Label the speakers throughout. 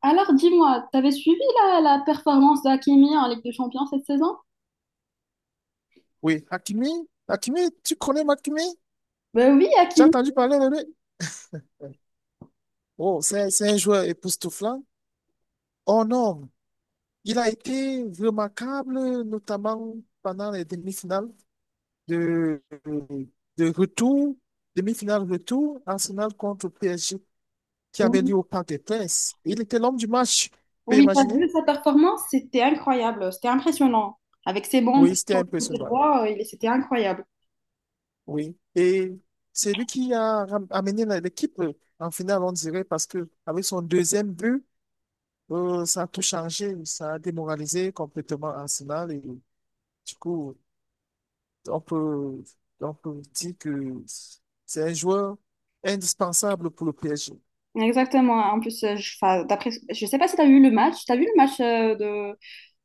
Speaker 1: Alors dis-moi, t'avais suivi la performance d'Hakimi en Ligue des Champions cette saison?
Speaker 2: Oui, Hakimi, Hakimi, tu connais Hakimi?
Speaker 1: Ben oui,
Speaker 2: Tu as
Speaker 1: Hakimi.
Speaker 2: entendu parler de lui? Oh, c'est un joueur époustouflant. Oh non, il a été remarquable, notamment pendant les demi-finales de, de retour, demi-finale retour, Arsenal contre PSG, qui avait lieu
Speaker 1: Oui,
Speaker 2: au Parc des Princes. Il était l'homme du match, tu peux
Speaker 1: oui, t'as
Speaker 2: imaginer?
Speaker 1: vu sa performance? C'était incroyable, c'était impressionnant. Avec ses bons
Speaker 2: Oui, c'était
Speaker 1: sur le côté
Speaker 2: impressionnant.
Speaker 1: droit, c'était incroyable.
Speaker 2: Oui, et c'est lui qui a amené l'équipe en finale, on dirait, parce que avec son deuxième but, Ça a tout changé, ça a démoralisé complètement Arsenal et du coup, on peut, on peut dire que c'est un joueur indispensable pour le PSG.
Speaker 1: Exactement. En plus, enfin, d'après, je sais pas si t'as vu le match. T'as vu le match euh,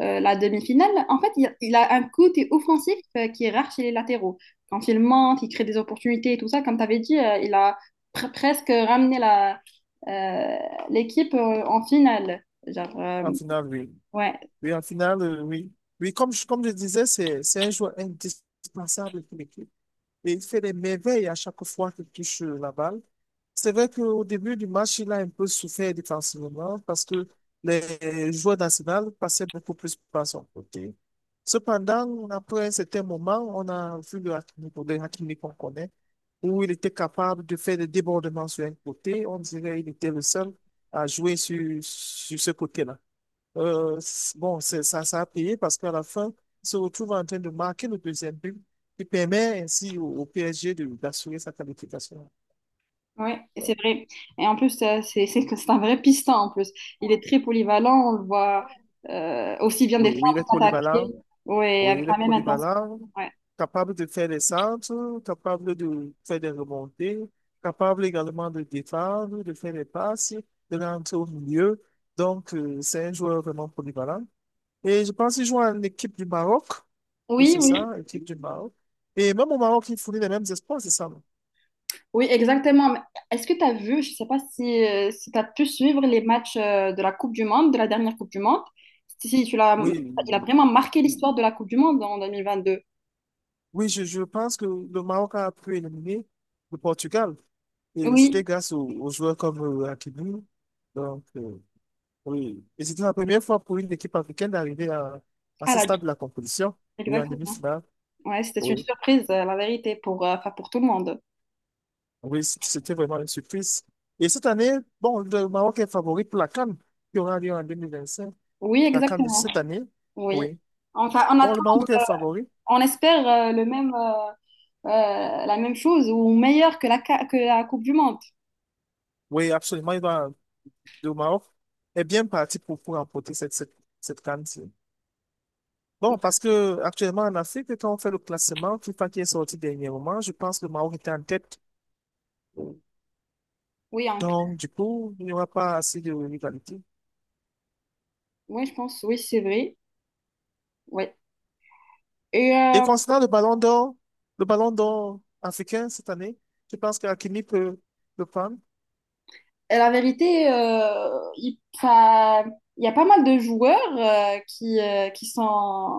Speaker 1: euh, la demi-finale, en fait, il a un côté offensif qui est rare chez les latéraux. Quand il monte, il crée des opportunités et tout ça, comme tu avais dit, il a presque ramené euh, l'équipe en finale. Genre,
Speaker 2: En finale, oui.
Speaker 1: ouais,
Speaker 2: Oui, en finale, oui. Oui, comme je disais, c'est un joueur indispensable pour l'équipe et il fait des merveilles à chaque fois qu'il touche la balle. C'est vrai qu'au début du match, il a un peu souffert défensivement parce que les joueurs d'Arsenal passaient beaucoup plus par son côté. Cependant, après un certain moment, on a vu le Hakimi qu'on connaît, où il était capable de faire des débordements sur un côté. On dirait qu'il était le seul à jouer sur ce côté-là. Bon, ça a payé parce qu'à la fin, il se retrouve en train de marquer le deuxième but qui permet ainsi au PSG d'assurer sa qualification.
Speaker 1: ouais, c'est
Speaker 2: Donc,
Speaker 1: vrai. Et en plus, c'est que c'est un vrai piston en plus. Il est très polyvalent, on le voit aussi bien
Speaker 2: oui, oui, il
Speaker 1: défendre
Speaker 2: est
Speaker 1: qu'attaquer,
Speaker 2: polyvalent.
Speaker 1: ouais,
Speaker 2: Oui,
Speaker 1: avec
Speaker 2: il est
Speaker 1: la même intensité.
Speaker 2: polyvalent,
Speaker 1: Ouais.
Speaker 2: capable de faire des centres, capable de faire des remontées, capable également de défendre, de faire des passes, de rentrer au milieu. Donc, c'est un joueur vraiment polyvalent. Et je pense qu'il joue en équipe du Maroc. Oui,
Speaker 1: Oui,
Speaker 2: c'est
Speaker 1: oui.
Speaker 2: ça, équipe du Maroc. Et même au Maroc, il fournit les mêmes espoirs, c'est ça. Non.
Speaker 1: Oui, exactement. Mais est-ce que tu as vu, je ne sais pas si, si tu as pu suivre les matchs de la Coupe du Monde, de la dernière Coupe du Monde, si si, tu l'as,
Speaker 2: Oui,
Speaker 1: il a vraiment marqué l'histoire de la Coupe du Monde en 2022.
Speaker 2: oui, je pense que le Maroc a pu éliminer le Portugal. Et c'était
Speaker 1: Oui,
Speaker 2: grâce aux joueurs comme Hakimi. Donc, oui. Et c'était la première fois pour une équipe africaine d'arriver à
Speaker 1: à
Speaker 2: ce
Speaker 1: la,
Speaker 2: stade de la compétition. Oui, en
Speaker 1: exactement.
Speaker 2: demi-finale.
Speaker 1: Ouais, c'était une
Speaker 2: Oui.
Speaker 1: surprise, la vérité, enfin, pour tout le monde.
Speaker 2: Oui, c'était vraiment une surprise. Et cette année, bon, le Maroc est favori pour la CAN, qui aura lieu en 2025.
Speaker 1: Oui,
Speaker 2: La CAN de
Speaker 1: exactement.
Speaker 2: cette année.
Speaker 1: Oui.
Speaker 2: Oui.
Speaker 1: Enfin, on
Speaker 2: Bon, le
Speaker 1: attend,
Speaker 2: Maroc est favori.
Speaker 1: on espère la même chose ou meilleur que que la Coupe du Monde.
Speaker 2: Oui, absolument. Il va, le Maroc est bien parti pour remporter cette CAN. Bon, parce que actuellement en Afrique, quand on fait le classement, FIFA qui est sorti dernièrement, je pense que le Maroc était en tête.
Speaker 1: Oui,
Speaker 2: Donc, du coup, il n'y aura pas assez de rivalité.
Speaker 1: oui, je pense, oui, c'est vrai. Oui. Et
Speaker 2: Et
Speaker 1: euh,
Speaker 2: concernant le ballon d'or africain cette année, je pense qu'Hakimi peut le prendre.
Speaker 1: Et la vérité, 'fin, il y a pas mal de joueurs qui sont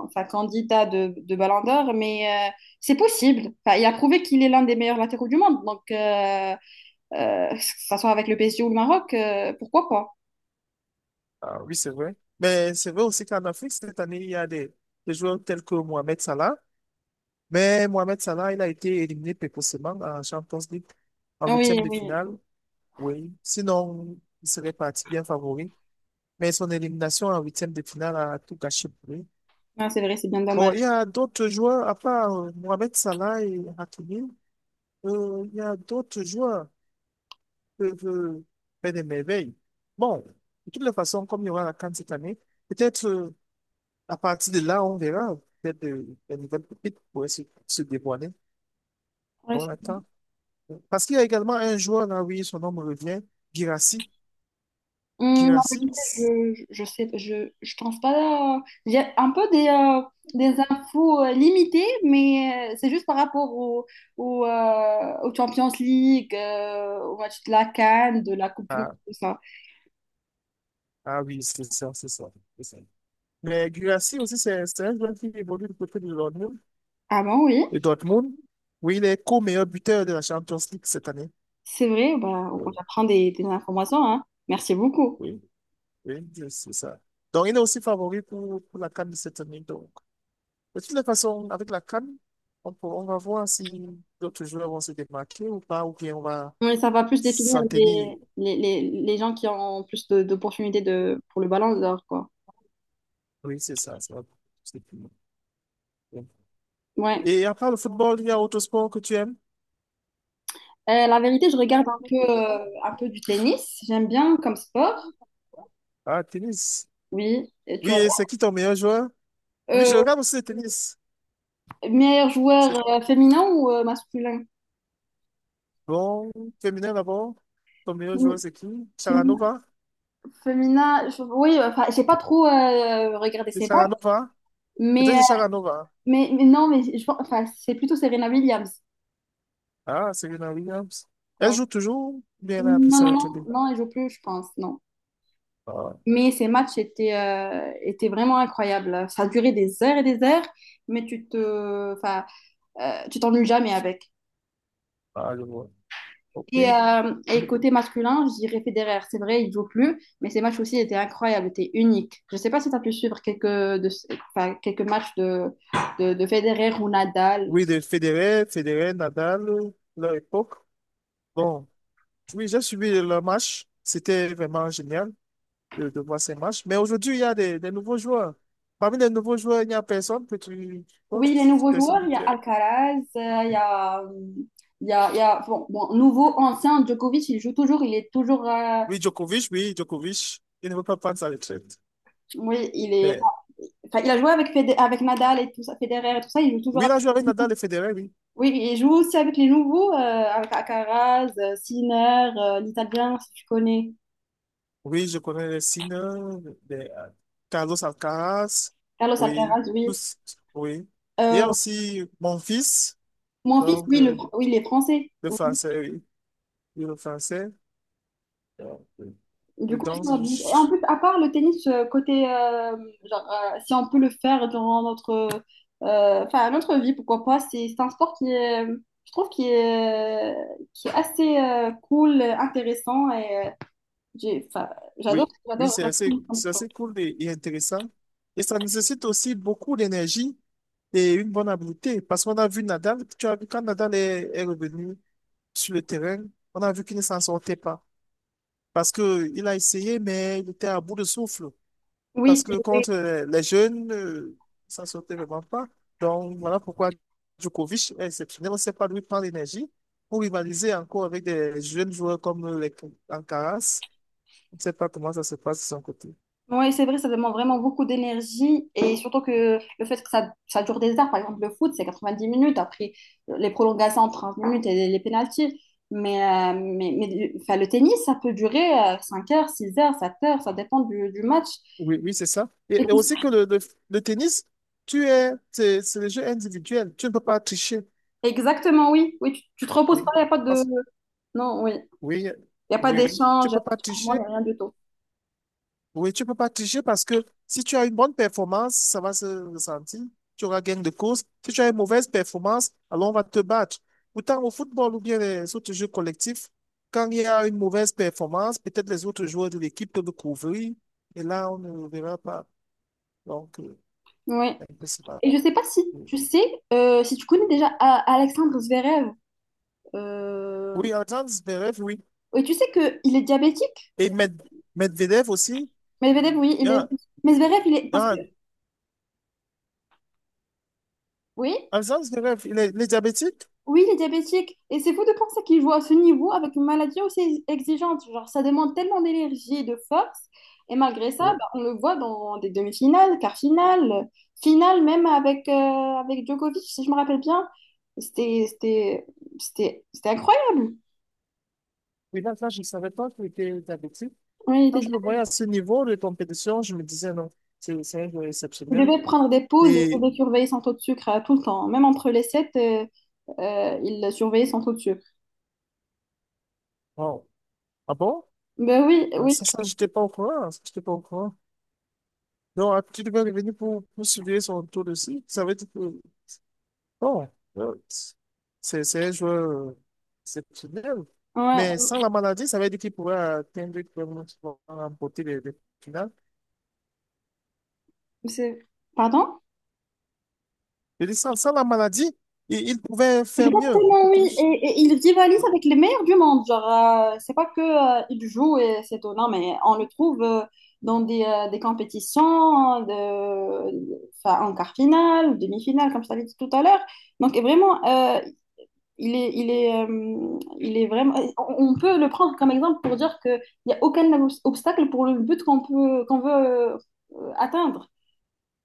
Speaker 1: enfin, candidats de Ballon d'Or, mais c'est possible. Enfin, il a prouvé qu'il est l'un des meilleurs latéraux du monde, donc que ça soit avec le PSG ou le Maroc, pourquoi pas?
Speaker 2: Ah oui, c'est vrai. Mais c'est vrai aussi qu'en Afrique, cette année, il y a des joueurs tels que Mohamed Salah. Mais Mohamed Salah, il a été éliminé précocement en Champions League en
Speaker 1: Ah oui,
Speaker 2: huitième de
Speaker 1: oui,
Speaker 2: finale. Oui. Sinon, il serait parti bien favori. Mais son élimination en huitième de finale a tout gâché pour lui.
Speaker 1: ah, c'est vrai, c'est bien
Speaker 2: Bon,
Speaker 1: dommage.
Speaker 2: il y a d'autres joueurs, à part Mohamed Salah et Hakimi, il y a d'autres joueurs peuvent faire des merveilles. Bon, de toutes les façons, comme il y aura la CAN cette année, peut-être à partir de là, on verra peut-être des nouvelles pépites pourraient se dévoiler. On
Speaker 1: Ouais,
Speaker 2: l'attend. Parce qu'il y a également un joueur, là, oui, son nom me revient, Girassi.
Speaker 1: En
Speaker 2: Girassi,
Speaker 1: vérité, je pense pas. J'ai un peu des infos limitées, mais c'est juste par rapport aux Champions League, au match de la CAN, de la Coupe du Monde,
Speaker 2: ah,
Speaker 1: tout ça.
Speaker 2: ah oui, c'est ça, c'est ça, c'est ça. Mais Girassi aussi, c'est un joueur qui évolue du côté de Dortmund.
Speaker 1: Ah bon, oui,
Speaker 2: Et Dortmund, oui, il est co-meilleur buteur de la Champions League cette année.
Speaker 1: c'est vrai, bah, on
Speaker 2: Euh,
Speaker 1: apprend des informations, hein. Merci beaucoup.
Speaker 2: oui. Oui, c'est ça. Donc, il est aussi favori pour la CAN de cette année. Donc, de toutes les façons, avec la CAN, on va voir si d'autres joueurs vont se démarquer ou pas, ou bien on va
Speaker 1: Oui, ça va plus définir
Speaker 2: s'en tenir.
Speaker 1: les, gens qui ont plus d'opportunités pour le ballon d'or, quoi.
Speaker 2: Oui, c'est ça. C'est tout.
Speaker 1: Ouais.
Speaker 2: Et à part le football, il y a autre sport que tu aimes?
Speaker 1: La vérité, je regarde un peu du tennis. J'aime bien comme sport.
Speaker 2: Ah, tennis.
Speaker 1: Oui, et tu
Speaker 2: Oui,
Speaker 1: réponds.
Speaker 2: et c'est qui ton meilleur joueur? Oui,
Speaker 1: euh,
Speaker 2: je regarde aussi le tennis.
Speaker 1: meilleur
Speaker 2: C'est
Speaker 1: joueur féminin ou masculin?
Speaker 2: bon, féminin d'abord. Ton meilleur
Speaker 1: Fémi-
Speaker 2: joueur, c'est qui?
Speaker 1: Féminin,
Speaker 2: Sharanova?
Speaker 1: féminin, oui, enfin, j'ai pas trop regardé
Speaker 2: C'est
Speaker 1: ses matchs,
Speaker 2: Sharanova? Peut-être
Speaker 1: mais, euh,
Speaker 2: c'est Sharanova.
Speaker 1: mais, mais non, mais je pense, enfin, c'est plutôt Serena Williams.
Speaker 2: Ah, Serena Williams. Elle
Speaker 1: Oui.
Speaker 2: joue toujours, ou bien elle
Speaker 1: Non,
Speaker 2: a appris
Speaker 1: non,
Speaker 2: ça
Speaker 1: non,
Speaker 2: l'autre jour.
Speaker 1: non, elle joue plus, je pense, non.
Speaker 2: Ah,
Speaker 1: Mais ces matchs étaient, étaient vraiment incroyables. Ça durait des heures et des heures, mais enfin, tu t'ennuies jamais avec.
Speaker 2: ah, je vois. OK.
Speaker 1: Et
Speaker 2: Bon.
Speaker 1: côté masculin, je dirais Federer. C'est vrai, il joue plus, mais ses matchs aussi étaient incroyables, étaient uniques. Je ne sais pas si tu as pu suivre enfin, quelques matchs de Federer ou Nadal.
Speaker 2: Oui, de Federer, Federer, Nadal, leur époque. Bon, oui, j'ai suivi leur match. C'était vraiment génial de voir ces matchs. Mais aujourd'hui, il y a des nouveaux joueurs. Parmi les nouveaux joueurs, il n'y a personne que tu autre
Speaker 1: Oui, les nouveaux
Speaker 2: personne
Speaker 1: joueurs,
Speaker 2: que
Speaker 1: il y a
Speaker 2: tu aimes.
Speaker 1: Alcaraz, bon, nouveau, ancien, Djokovic, il joue toujours, il est toujours,
Speaker 2: Oui, Djokovic, oui, Djokovic. Il ne veut pas prendre sa retraite.
Speaker 1: oui,
Speaker 2: Mais
Speaker 1: enfin, il a joué avec Nadal et tout ça, Federer et tout ça, il joue toujours
Speaker 2: oui, il
Speaker 1: avec,
Speaker 2: a joué avec Nadal et Federer, oui.
Speaker 1: oui, il joue aussi avec les nouveaux, avec Alcaraz, Sinner, l'Italien, si tu connais.
Speaker 2: Oui, je connais les signes de Carlos Alcaraz.
Speaker 1: Carlos
Speaker 2: Oui,
Speaker 1: Alcaraz, oui.
Speaker 2: tous, oui. Il y a
Speaker 1: Euh,
Speaker 2: aussi mon fils,
Speaker 1: mon fils,
Speaker 2: donc
Speaker 1: oui, oui, il est français.
Speaker 2: le
Speaker 1: Oui.
Speaker 2: français, oui. Oui, le français. Donc,
Speaker 1: Du
Speaker 2: et
Speaker 1: coup,
Speaker 2: donc,
Speaker 1: en plus, à part le tennis, genre, si on peut le faire durant enfin, notre vie, pourquoi pas, c'est un sport qui est, je trouve, qui est assez cool, intéressant et enfin, j'adore,
Speaker 2: oui, oui,
Speaker 1: j'adore.
Speaker 2: c'est assez, c'est
Speaker 1: J'adore.
Speaker 2: assez cool et intéressant. Et ça nécessite aussi beaucoup d'énergie et une bonne habileté, parce qu'on a vu Nadal, tu as vu quand Nadal est revenu sur le terrain, on a vu qu'il ne s'en sortait pas, parce que il a essayé, mais il était à bout de souffle.
Speaker 1: Oui,
Speaker 2: Parce que contre les jeunes, ça ne sortait vraiment pas. Donc, voilà pourquoi Djokovic est exceptionnel. On ne sait pas d'où il prend l'énergie pour rivaliser encore avec des jeunes joueurs comme les Alcaraz. On ne sait pas comment ça se passe de son côté.
Speaker 1: oui, c'est vrai, ça demande vraiment beaucoup d'énergie et surtout que le fait que ça dure des heures, par exemple le foot, c'est 90 minutes, après les prolongations, 30 minutes et les pénaltys. Mais, mais enfin, le tennis, ça peut durer 5 heures, 6 heures, 7 heures, ça dépend du match.
Speaker 2: Oui, oui, c'est ça.
Speaker 1: Et
Speaker 2: Et
Speaker 1: puis-
Speaker 2: aussi que le tennis, c'est le jeu individuel. Tu ne peux pas tricher.
Speaker 1: exactement, oui, oui, tu te reposes pas,
Speaker 2: Oui.
Speaker 1: il n'y a pas de.
Speaker 2: Parce
Speaker 1: Non, oui, il
Speaker 2: Oui,
Speaker 1: n'y a pas
Speaker 2: oui,
Speaker 1: d'échange,
Speaker 2: tu
Speaker 1: il n'y
Speaker 2: peux
Speaker 1: a pas
Speaker 2: pas
Speaker 1: de changement, il
Speaker 2: tricher.
Speaker 1: n'y a rien du tout.
Speaker 2: Oui, tu peux pas tricher parce que si tu as une bonne performance, ça va se ressentir. Tu auras gain de cause. Si tu as une mauvaise performance, alors on va te battre. Pourtant, au football ou bien les autres jeux collectifs, quand il y a une mauvaise performance, peut-être les autres joueurs de l'équipe peuvent couvrir et là, on ne le verra pas. Donc,
Speaker 1: Oui.
Speaker 2: un peu cela.
Speaker 1: Et je sais pas si tu sais, si tu connais déjà Alexandre Zverev. euh,
Speaker 2: Oui, Alexandre Zverev, oui.
Speaker 1: Oui, tu sais que il est diabétique.
Speaker 2: Et Medvedev aussi.
Speaker 1: Medvedev, oui, il est.
Speaker 2: Ah,
Speaker 1: Mais Zverev, il est. Parce que.
Speaker 2: ah,
Speaker 1: Oui,
Speaker 2: Alexandre Zverev, il est diabétique?
Speaker 1: oui, il est diabétique. Et c'est fou de penser qu'il joue à ce niveau avec une maladie aussi exigeante. Genre, ça demande tellement d'énergie et de force. Et malgré ça,
Speaker 2: Oui.
Speaker 1: bah, on le voit dans des demi-finales, quarts finales, finale même avec Djokovic, si je me rappelle bien. C'était c'était- c'était incroyable.
Speaker 2: Oui, là, là, je ne savais pas que tu addictif.
Speaker 1: Oui, il était
Speaker 2: Quand je le
Speaker 1: diabétique.
Speaker 2: voyais à ce niveau de compétition, je me disais non, c'est un joueur
Speaker 1: Il
Speaker 2: exceptionnel.
Speaker 1: devait prendre des pauses et il
Speaker 2: Et,
Speaker 1: devait surveiller son taux de sucre tout le temps. Même entre les sets, il surveillait son taux de sucre.
Speaker 2: oh, ah bon?
Speaker 1: Ben oui,
Speaker 2: Ah,
Speaker 1: oui.
Speaker 2: Ça, j'étais pas au courant. Ça, j'étais pas au courant. Donc, ah, tu devais revenir pour, surveiller son tour aussi. Ça veut dire que bon, euh, c'est un joueur exceptionnel. Mais
Speaker 1: Ouais.
Speaker 2: sans la maladie, ça veut dire qu'il pourrait atteindre vraiment souvent, remporter les finales.
Speaker 1: C'est- Pardon?
Speaker 2: Je dis sans la maladie, il pouvait faire mieux,
Speaker 1: Exactement,
Speaker 2: beaucoup
Speaker 1: oui.
Speaker 2: plus.
Speaker 1: Et il rivalise
Speaker 2: Oui,
Speaker 1: avec les meilleurs du monde. Genre, c'est pas que, il joue et c'est tout. Non, mais on le trouve dans des compétitions enfin, en quart finale, demi-finale, comme je t'avais dit tout à l'heure. Donc, et vraiment, il est vraiment. On peut le prendre comme exemple pour dire qu'il n'y a aucun obstacle pour le but qu'on veut atteindre.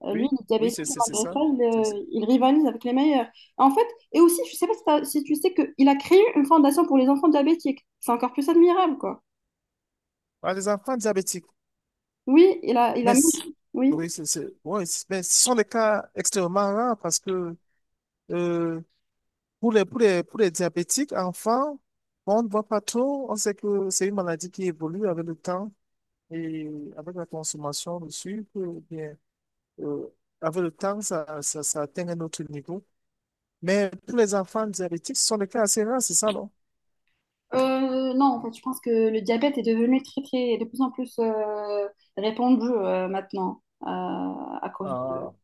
Speaker 1: Lui,
Speaker 2: oui,
Speaker 1: il est
Speaker 2: oui,
Speaker 1: diabétique, et
Speaker 2: c'est
Speaker 1: malgré
Speaker 2: ça.
Speaker 1: ça, il,
Speaker 2: C'est ça.
Speaker 1: euh, il rivalise avec les meilleurs. En fait, et aussi, je sais pas si, si tu sais qu'il a créé une fondation pour les enfants diabétiques. C'est encore plus admirable, quoi.
Speaker 2: Ah, les enfants diabétiques,
Speaker 1: Oui, il a
Speaker 2: mais
Speaker 1: mis. Oui.
Speaker 2: oui, ouais, mais ce sont des cas extrêmement rares parce que euh, pour les diabétiques, enfants, on ne voit pas trop. On sait que c'est une maladie qui évolue avec le temps. Et avec la consommation de sucre, eh bien, euh, avec le temps, ça atteint un autre niveau. Mais pour les enfants diabétiques, ce sont des cas assez rares, c'est ça, non?
Speaker 1: Non, en fait, je pense que le diabète est devenu très, très, de plus en plus répandu maintenant à cause
Speaker 2: Ah,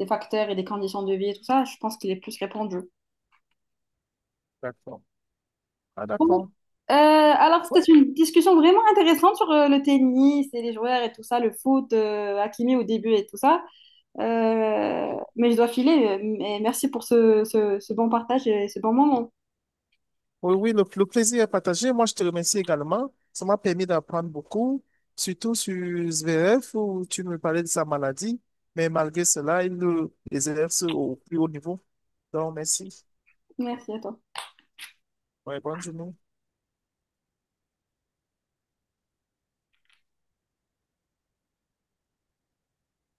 Speaker 1: des facteurs et des conditions de vie et tout ça. Je pense qu'il est plus répandu.
Speaker 2: d'accord. Ah,
Speaker 1: Bon,
Speaker 2: d'accord.
Speaker 1: alors c'était
Speaker 2: Ouais.
Speaker 1: une discussion vraiment intéressante sur le tennis et les joueurs et tout ça, le foot, Hakimi au début et tout ça. Mais je dois filer. Mais merci pour ce bon partage et ce bon moment.
Speaker 2: Oui, oui, le plaisir est partagé. Moi, je te remercie également. Ça m'a permis d'apprendre beaucoup, surtout sur SVF, où tu me parlais de sa maladie. Mais malgré cela, il le exerce au plus haut niveau. Donc, merci.
Speaker 1: Merci à toi.
Speaker 2: Ouais, bonne journée.